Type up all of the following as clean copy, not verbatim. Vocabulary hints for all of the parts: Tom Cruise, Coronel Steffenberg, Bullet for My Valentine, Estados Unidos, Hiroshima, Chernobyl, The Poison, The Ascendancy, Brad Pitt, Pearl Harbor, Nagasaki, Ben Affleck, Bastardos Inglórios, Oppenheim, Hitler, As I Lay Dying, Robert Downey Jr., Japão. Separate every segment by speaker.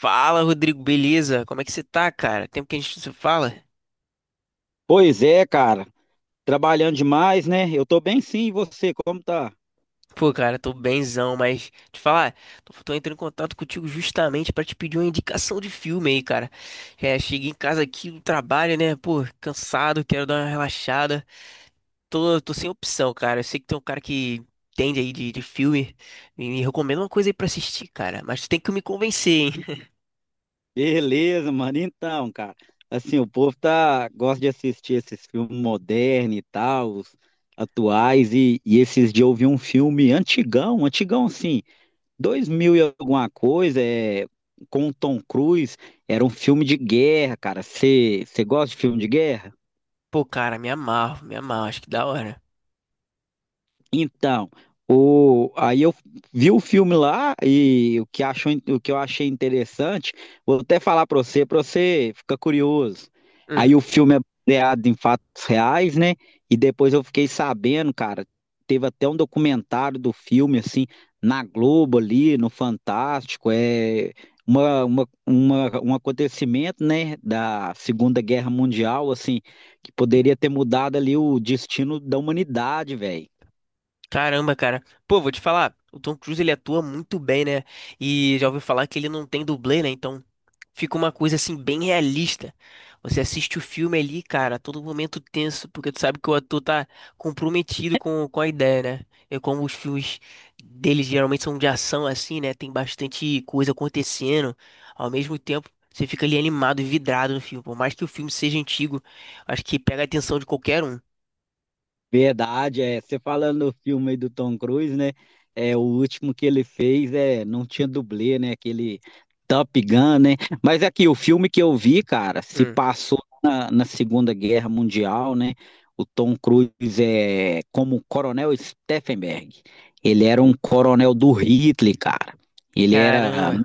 Speaker 1: Fala, Rodrigo, beleza? Como é que você tá, cara? Tempo que a gente não se fala?
Speaker 2: Pois é, cara. Trabalhando demais, né? Eu tô bem sim, e você, como tá?
Speaker 1: Pô, cara, tô benzão, mas te falar, tô entrando em contato contigo justamente pra te pedir uma indicação de filme aí, cara. Cheguei em casa aqui do trabalho, né? Pô, cansado, quero dar uma relaxada. Tô sem opção, cara. Eu sei que tem um cara que entende aí de filme e me recomenda uma coisa aí pra assistir, cara. Mas tu tem que me convencer, hein?
Speaker 2: Beleza, mano. Então, cara, assim, o povo gosta de assistir esses filmes modernos e tal, os atuais, e esses dias eu vi um filme antigão, antigão assim, 2000 e alguma coisa, é, com o Tom Cruise, era um filme de guerra, cara. Você gosta de filme de guerra?
Speaker 1: Pô, cara, me amarro, acho que da hora.
Speaker 2: Então, aí eu vi o filme lá e o que eu achei interessante, vou até falar para você ficar curioso.
Speaker 1: Hum.
Speaker 2: Aí o filme é baseado em fatos reais, né? E depois eu fiquei sabendo, cara, teve até um documentário do filme, assim, na Globo ali, no Fantástico, é um acontecimento, né, da Segunda Guerra Mundial, assim, que poderia ter mudado ali o destino da humanidade, velho.
Speaker 1: Caramba, cara. Pô, vou te falar, o Tom Cruise ele atua muito bem, né? E já ouvi falar que ele não tem dublê, né? Então fica uma coisa assim bem realista. Você assiste o filme ali, cara, a todo momento tenso, porque tu sabe que o ator tá comprometido com a ideia, né? É como os filmes deles geralmente são de ação assim, né? Tem bastante coisa acontecendo. Ao mesmo tempo, você fica ali animado e vidrado no filme. Por mais que o filme seja antigo, acho que pega a atenção de qualquer um.
Speaker 2: Verdade, é. Você falando do filme aí do Tom Cruise, né? É, o último que ele fez não tinha dublê, né? Aquele Top Gun, né? Mas aqui, o filme que eu vi, cara, se
Speaker 1: Hum.
Speaker 2: passou na Segunda Guerra Mundial, né? O Tom Cruise é como o Coronel Steffenberg. Ele era um coronel do Hitler, cara. Ele era
Speaker 1: Caramba.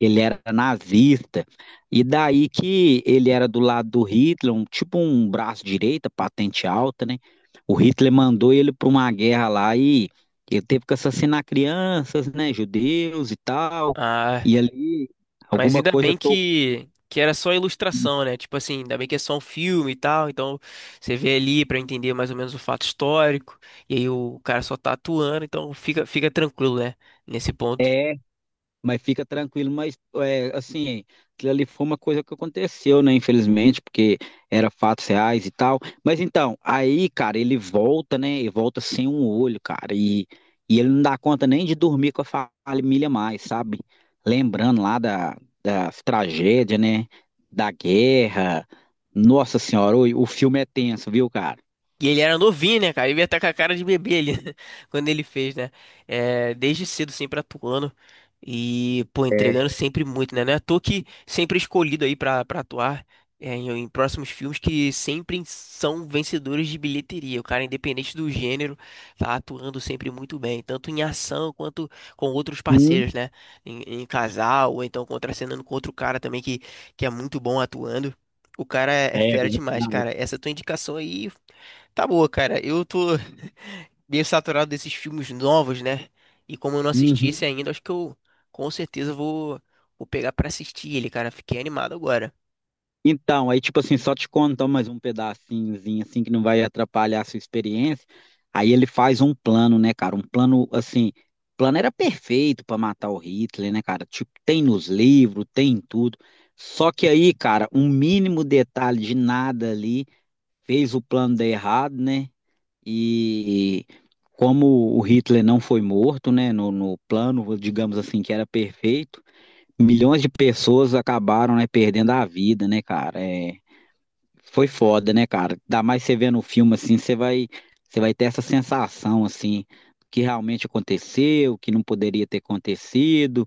Speaker 2: ele era nazista, e daí que ele era do lado do Hitler, tipo um braço direito, patente alta, né? O Hitler mandou ele para uma guerra lá e ele teve que assassinar crianças, né, judeus e tal,
Speaker 1: Ah.
Speaker 2: e ali
Speaker 1: Mas
Speaker 2: alguma
Speaker 1: ainda
Speaker 2: coisa
Speaker 1: bem
Speaker 2: tocou.
Speaker 1: que era só ilustração, né? Tipo assim, ainda bem que é só um filme e tal. Então você vê ali pra entender mais ou menos o fato histórico. E aí o cara só tá atuando, então fica, fica tranquilo, né? Nesse ponto.
Speaker 2: É. Mas fica tranquilo, mas é, assim, aquilo ali foi uma coisa que aconteceu, né? Infelizmente, porque era fatos reais e tal. Mas então, aí, cara, ele volta, né? E volta sem um olho, cara. E ele não dá conta nem de dormir com a família mais, sabe? Lembrando lá das tragédias, né? Da guerra. Nossa Senhora, o filme é tenso, viu, cara?
Speaker 1: E ele era novinho, né, cara? Ele ia estar com a cara de bebê ali, quando ele fez, né? É, desde cedo sempre atuando e, pô,
Speaker 2: É.
Speaker 1: entregando sempre muito, né? Não é à toa que sempre é escolhido aí pra atuar em próximos filmes que sempre são vencedores de bilheteria. O cara, independente do gênero, tá atuando sempre muito bem, tanto em ação quanto com outros
Speaker 2: Hum,
Speaker 1: parceiros, né? Em casal, ou então contracenando com outro cara também que é muito bom atuando. O cara é
Speaker 2: é
Speaker 1: fera demais,
Speaker 2: verdade.
Speaker 1: cara. Essa tua indicação aí. Tá boa, cara. Eu tô meio saturado desses filmes novos, né? E como eu não assisti esse
Speaker 2: Uhum.
Speaker 1: ainda, acho que eu com certeza vou pegar pra assistir ele, cara. Fiquei animado agora.
Speaker 2: Então, aí tipo assim, só te contam mais um pedacinhozinho assim que não vai atrapalhar a sua experiência. Aí ele faz um plano, né, cara? Um plano assim, o plano era perfeito pra matar o Hitler, né, cara? Tipo, tem nos livros, tem em tudo. Só que aí, cara, um mínimo detalhe de nada ali fez o plano dar errado, né? E como o Hitler não foi morto, né, no plano, digamos assim, que era perfeito, milhões de pessoas acabaram, né, perdendo a vida, né, cara? É, foi foda, né, cara? Ainda mais você vendo o filme assim, você vai ter essa sensação assim que realmente aconteceu, que não poderia ter acontecido.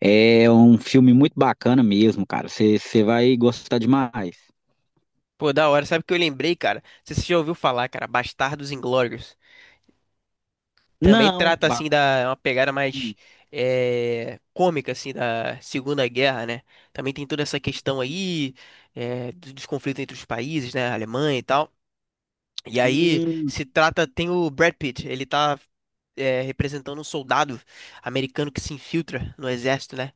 Speaker 2: É um filme muito bacana mesmo, cara. Você vai gostar demais.
Speaker 1: Pô, da hora. Sabe o que eu lembrei, cara? Você já ouviu falar, cara? Bastardos Inglórios. Também
Speaker 2: Não,
Speaker 1: trata
Speaker 2: ba...
Speaker 1: assim da uma pegada mais
Speaker 2: Hum,
Speaker 1: cômica assim da Segunda Guerra, né? Também tem toda essa questão aí dos conflitos entre os países, né? Alemanha e tal. E aí
Speaker 2: hum,
Speaker 1: se trata, tem o Brad Pitt, ele tá representando um soldado americano que se infiltra no exército, né?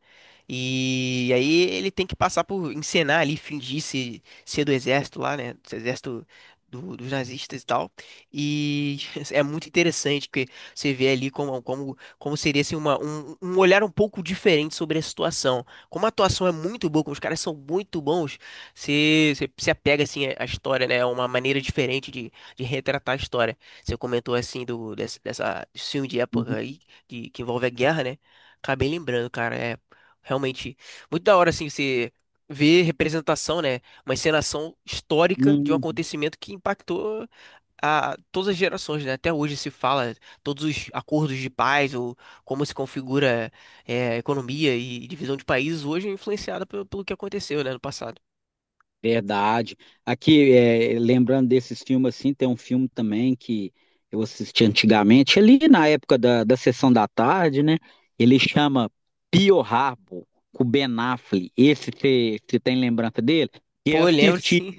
Speaker 1: E aí ele tem que passar por encenar ali, fingir se, ser do exército lá, né? Dos nazistas e tal. E é muito interessante porque você vê ali como seria assim, um olhar um pouco diferente sobre a situação. Como a atuação é muito boa, como os caras são muito bons, você se apega assim à história, né? É uma maneira diferente de retratar a história. Você comentou assim do dessa, dessa desse filme de época
Speaker 2: uhum,
Speaker 1: aí que envolve a guerra, né? Acabei lembrando, cara, é realmente muito da hora assim você ver representação, né? Uma encenação histórica de um
Speaker 2: uhum.
Speaker 1: acontecimento que impactou a todas as gerações, né? Até hoje se fala todos os acordos de paz ou como se configura economia e divisão de países hoje é influenciada pelo que aconteceu, né, no passado.
Speaker 2: Verdade. Aqui, é, lembrando desses filmes assim, tem um filme também que eu assisti antigamente, ali na época da sessão da tarde, né? Ele chama Pearl Harbor, com o Ben Affleck. Esse você tem lembrança dele? E eu
Speaker 1: Pô, eu lembro
Speaker 2: assisti
Speaker 1: sim.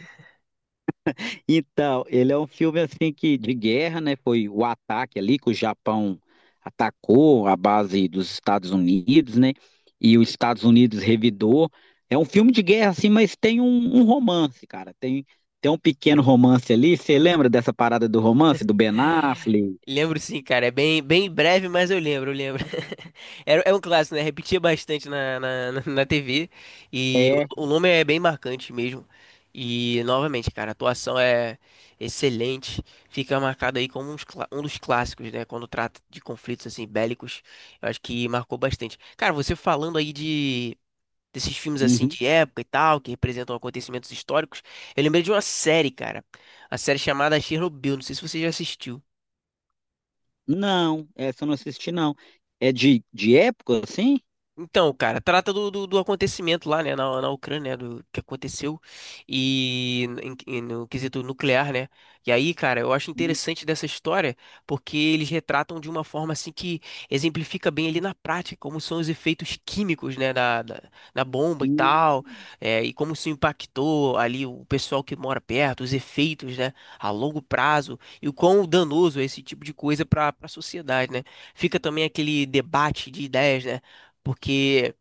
Speaker 2: então, ele é um filme assim que de guerra, né? Foi o ataque ali que o Japão atacou a base dos Estados Unidos, né? E os Estados Unidos revidou. É um filme de guerra assim, mas tem um romance, cara. Tem um pequeno romance ali. Você lembra dessa parada do romance do Ben Affleck?
Speaker 1: Lembro sim, cara. É bem, bem breve, mas eu lembro, eu lembro. Era, é um clássico, né? Repetia bastante na na TV. E
Speaker 2: É.
Speaker 1: o nome é bem marcante mesmo. E, novamente, cara, a atuação é excelente. Fica marcado aí como um dos clássicos, né? Quando trata de conflitos, assim, bélicos. Eu acho que marcou bastante. Cara, você falando aí de... Desses filmes assim
Speaker 2: Uhum.
Speaker 1: de época e tal, que representam acontecimentos históricos. Eu lembrei de uma série, cara. A série chamada Chernobyl. Não sei se você já assistiu.
Speaker 2: Não, essa eu não assisti não. É de época assim?
Speaker 1: Então, cara, trata do acontecimento lá, né, na Ucrânia, né, do que aconteceu e, no quesito nuclear, né? E aí, cara, eu acho
Speaker 2: Hum,
Speaker 1: interessante dessa história porque eles retratam de uma forma assim que exemplifica bem ali na prática como são os efeitos químicos, né, da bomba e
Speaker 2: hum,
Speaker 1: tal, e como isso impactou ali o pessoal que mora perto, os efeitos, né, a longo prazo e o quão danoso é esse tipo de coisa para a sociedade, né? Fica também aquele debate de ideias, né? Porque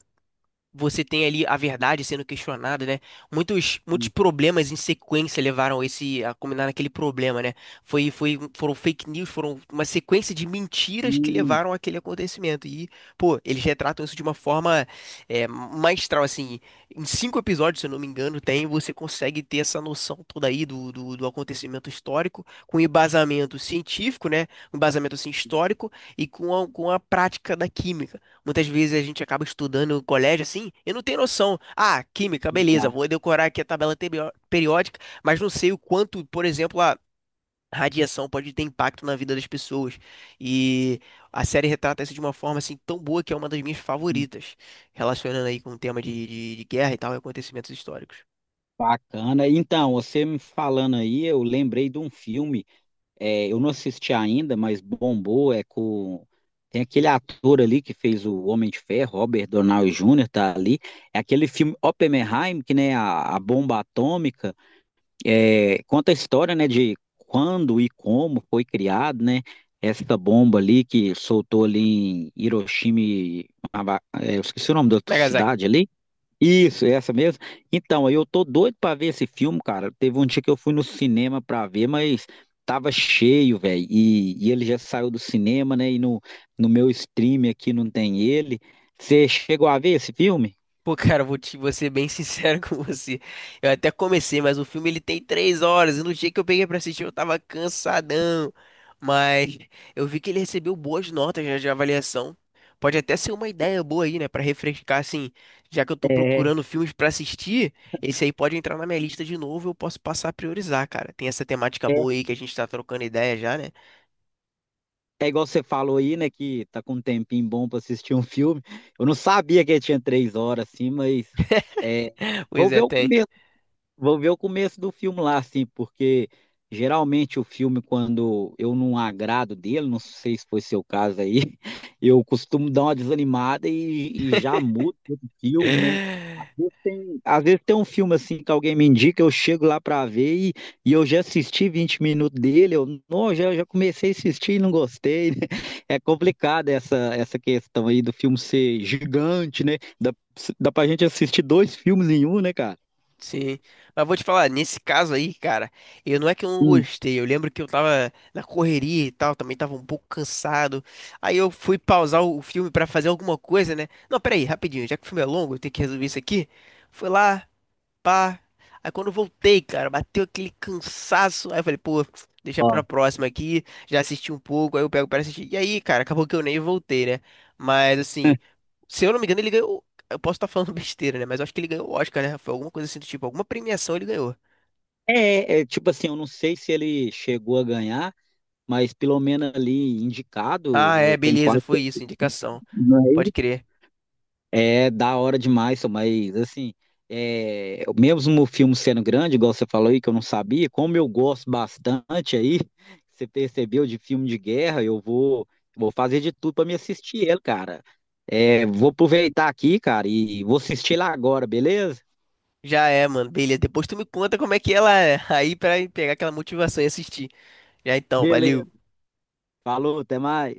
Speaker 1: você tem ali a verdade sendo questionada, né? Muitos problemas em sequência levaram esse a culminar naquele problema, né? Foram fake news, foram uma sequência de mentiras que
Speaker 2: hum,
Speaker 1: levaram àquele acontecimento. E, pô, eles retratam isso de uma forma maestral, assim. Em cinco episódios, se eu não me engano, tem, você consegue ter essa noção toda aí do acontecimento histórico, com embasamento científico, né? Um embasamento, assim, histórico e com a prática da química. Muitas vezes a gente acaba estudando no colégio assim e não tem noção. Ah, química, beleza, vou decorar aqui a tabela periódica, mas não sei o quanto, por exemplo, a radiação pode ter impacto na vida das pessoas. E a série retrata isso de uma forma assim tão boa que é uma das minhas
Speaker 2: hum.
Speaker 1: favoritas, relacionando aí com o tema de guerra e tal, e acontecimentos históricos.
Speaker 2: Bacana. Então, você me falando aí, eu lembrei de um filme, é, eu não assisti ainda, mas bombou, é com... Tem aquele ator ali que fez o Homem de Ferro, Robert Downey Jr., tá ali. É aquele filme Oppenheim, que né, a bomba atômica, é, conta a história, né, de quando e como foi criado, né, essa bomba ali que soltou ali em Hiroshima, e é, eu esqueci o nome da outra
Speaker 1: Nagasaki.
Speaker 2: cidade ali, isso, essa mesmo. Então, eu tô doido pra ver esse filme, cara. Teve um dia que eu fui no cinema pra ver, mas tava cheio, velho. E ele já saiu do cinema, né? E no meu stream aqui não tem ele. Você chegou a ver esse filme?
Speaker 1: Pô, cara, vou ser bem sincero com você. Eu até comecei, mas o filme ele tem três horas. E no dia que eu peguei pra assistir, eu tava cansadão. Mas eu vi que ele recebeu boas notas já de avaliação. Pode até ser uma ideia boa aí, né? Pra refrescar, assim. Já que eu tô
Speaker 2: É,
Speaker 1: procurando filmes pra assistir, esse aí pode entrar na minha lista de novo. Eu posso passar a priorizar, cara. Tem essa temática
Speaker 2: é.
Speaker 1: boa aí que a gente tá trocando ideia já, né?
Speaker 2: É igual você falou aí, né? Que tá com um tempinho bom pra assistir um filme. Eu não sabia que ele tinha 3 horas assim, mas é, vou
Speaker 1: Pois
Speaker 2: ver
Speaker 1: é,
Speaker 2: o
Speaker 1: tem.
Speaker 2: começo. Vou ver o começo do filme lá, assim, porque geralmente o filme, quando eu não agrado dele, não sei se foi seu caso aí, eu costumo dar uma desanimada e já mudo o filme, né? Às vezes tem, às vezes tem um filme assim que alguém me indica, eu chego lá pra ver e eu já assisti 20 minutos dele, eu não, já comecei a assistir e não gostei, né? É complicado essa questão aí do filme ser gigante, né? Dá pra gente assistir dois filmes em um, né, cara?
Speaker 1: Sim, mas vou te falar, nesse caso aí, cara, eu não é que eu não
Speaker 2: Sim.
Speaker 1: gostei, eu lembro que eu tava na correria e tal, também tava um pouco cansado, aí eu fui pausar o filme pra fazer alguma coisa, né? Não, peraí, rapidinho, já que o filme é longo, eu tenho que resolver isso aqui, fui lá, pá. Aí quando eu voltei, cara, bateu aquele cansaço. Aí eu falei, pô, deixa pra próxima aqui. Já assisti um pouco, aí eu pego pra assistir. E aí, cara, acabou que eu nem voltei, né? Mas assim, se eu não me engano, ele ganhou. Eu posso estar falando besteira, né? Mas eu acho que ele ganhou o Oscar, né? Foi alguma coisa assim do tipo, alguma premiação ele ganhou.
Speaker 2: É, é, tipo assim, eu não sei se ele chegou a ganhar, mas pelo menos ali
Speaker 1: Ah,
Speaker 2: indicado,
Speaker 1: é,
Speaker 2: eu tenho
Speaker 1: beleza,
Speaker 2: quase.
Speaker 1: foi isso, indicação.
Speaker 2: Não é
Speaker 1: Pode
Speaker 2: isso?
Speaker 1: crer.
Speaker 2: É da hora demais, só, mas assim, é, mesmo o filme sendo grande, igual você falou aí, que eu não sabia, como eu gosto bastante aí, você percebeu de filme de guerra, vou fazer de tudo para me assistir ele, cara. É, vou aproveitar aqui, cara, e vou assistir lá agora, beleza?
Speaker 1: Já é, mano, beleza. Depois tu me conta como é que ela é. Aí pra pegar aquela motivação e assistir. Já então,
Speaker 2: Beleza.
Speaker 1: valeu.
Speaker 2: Falou, até mais.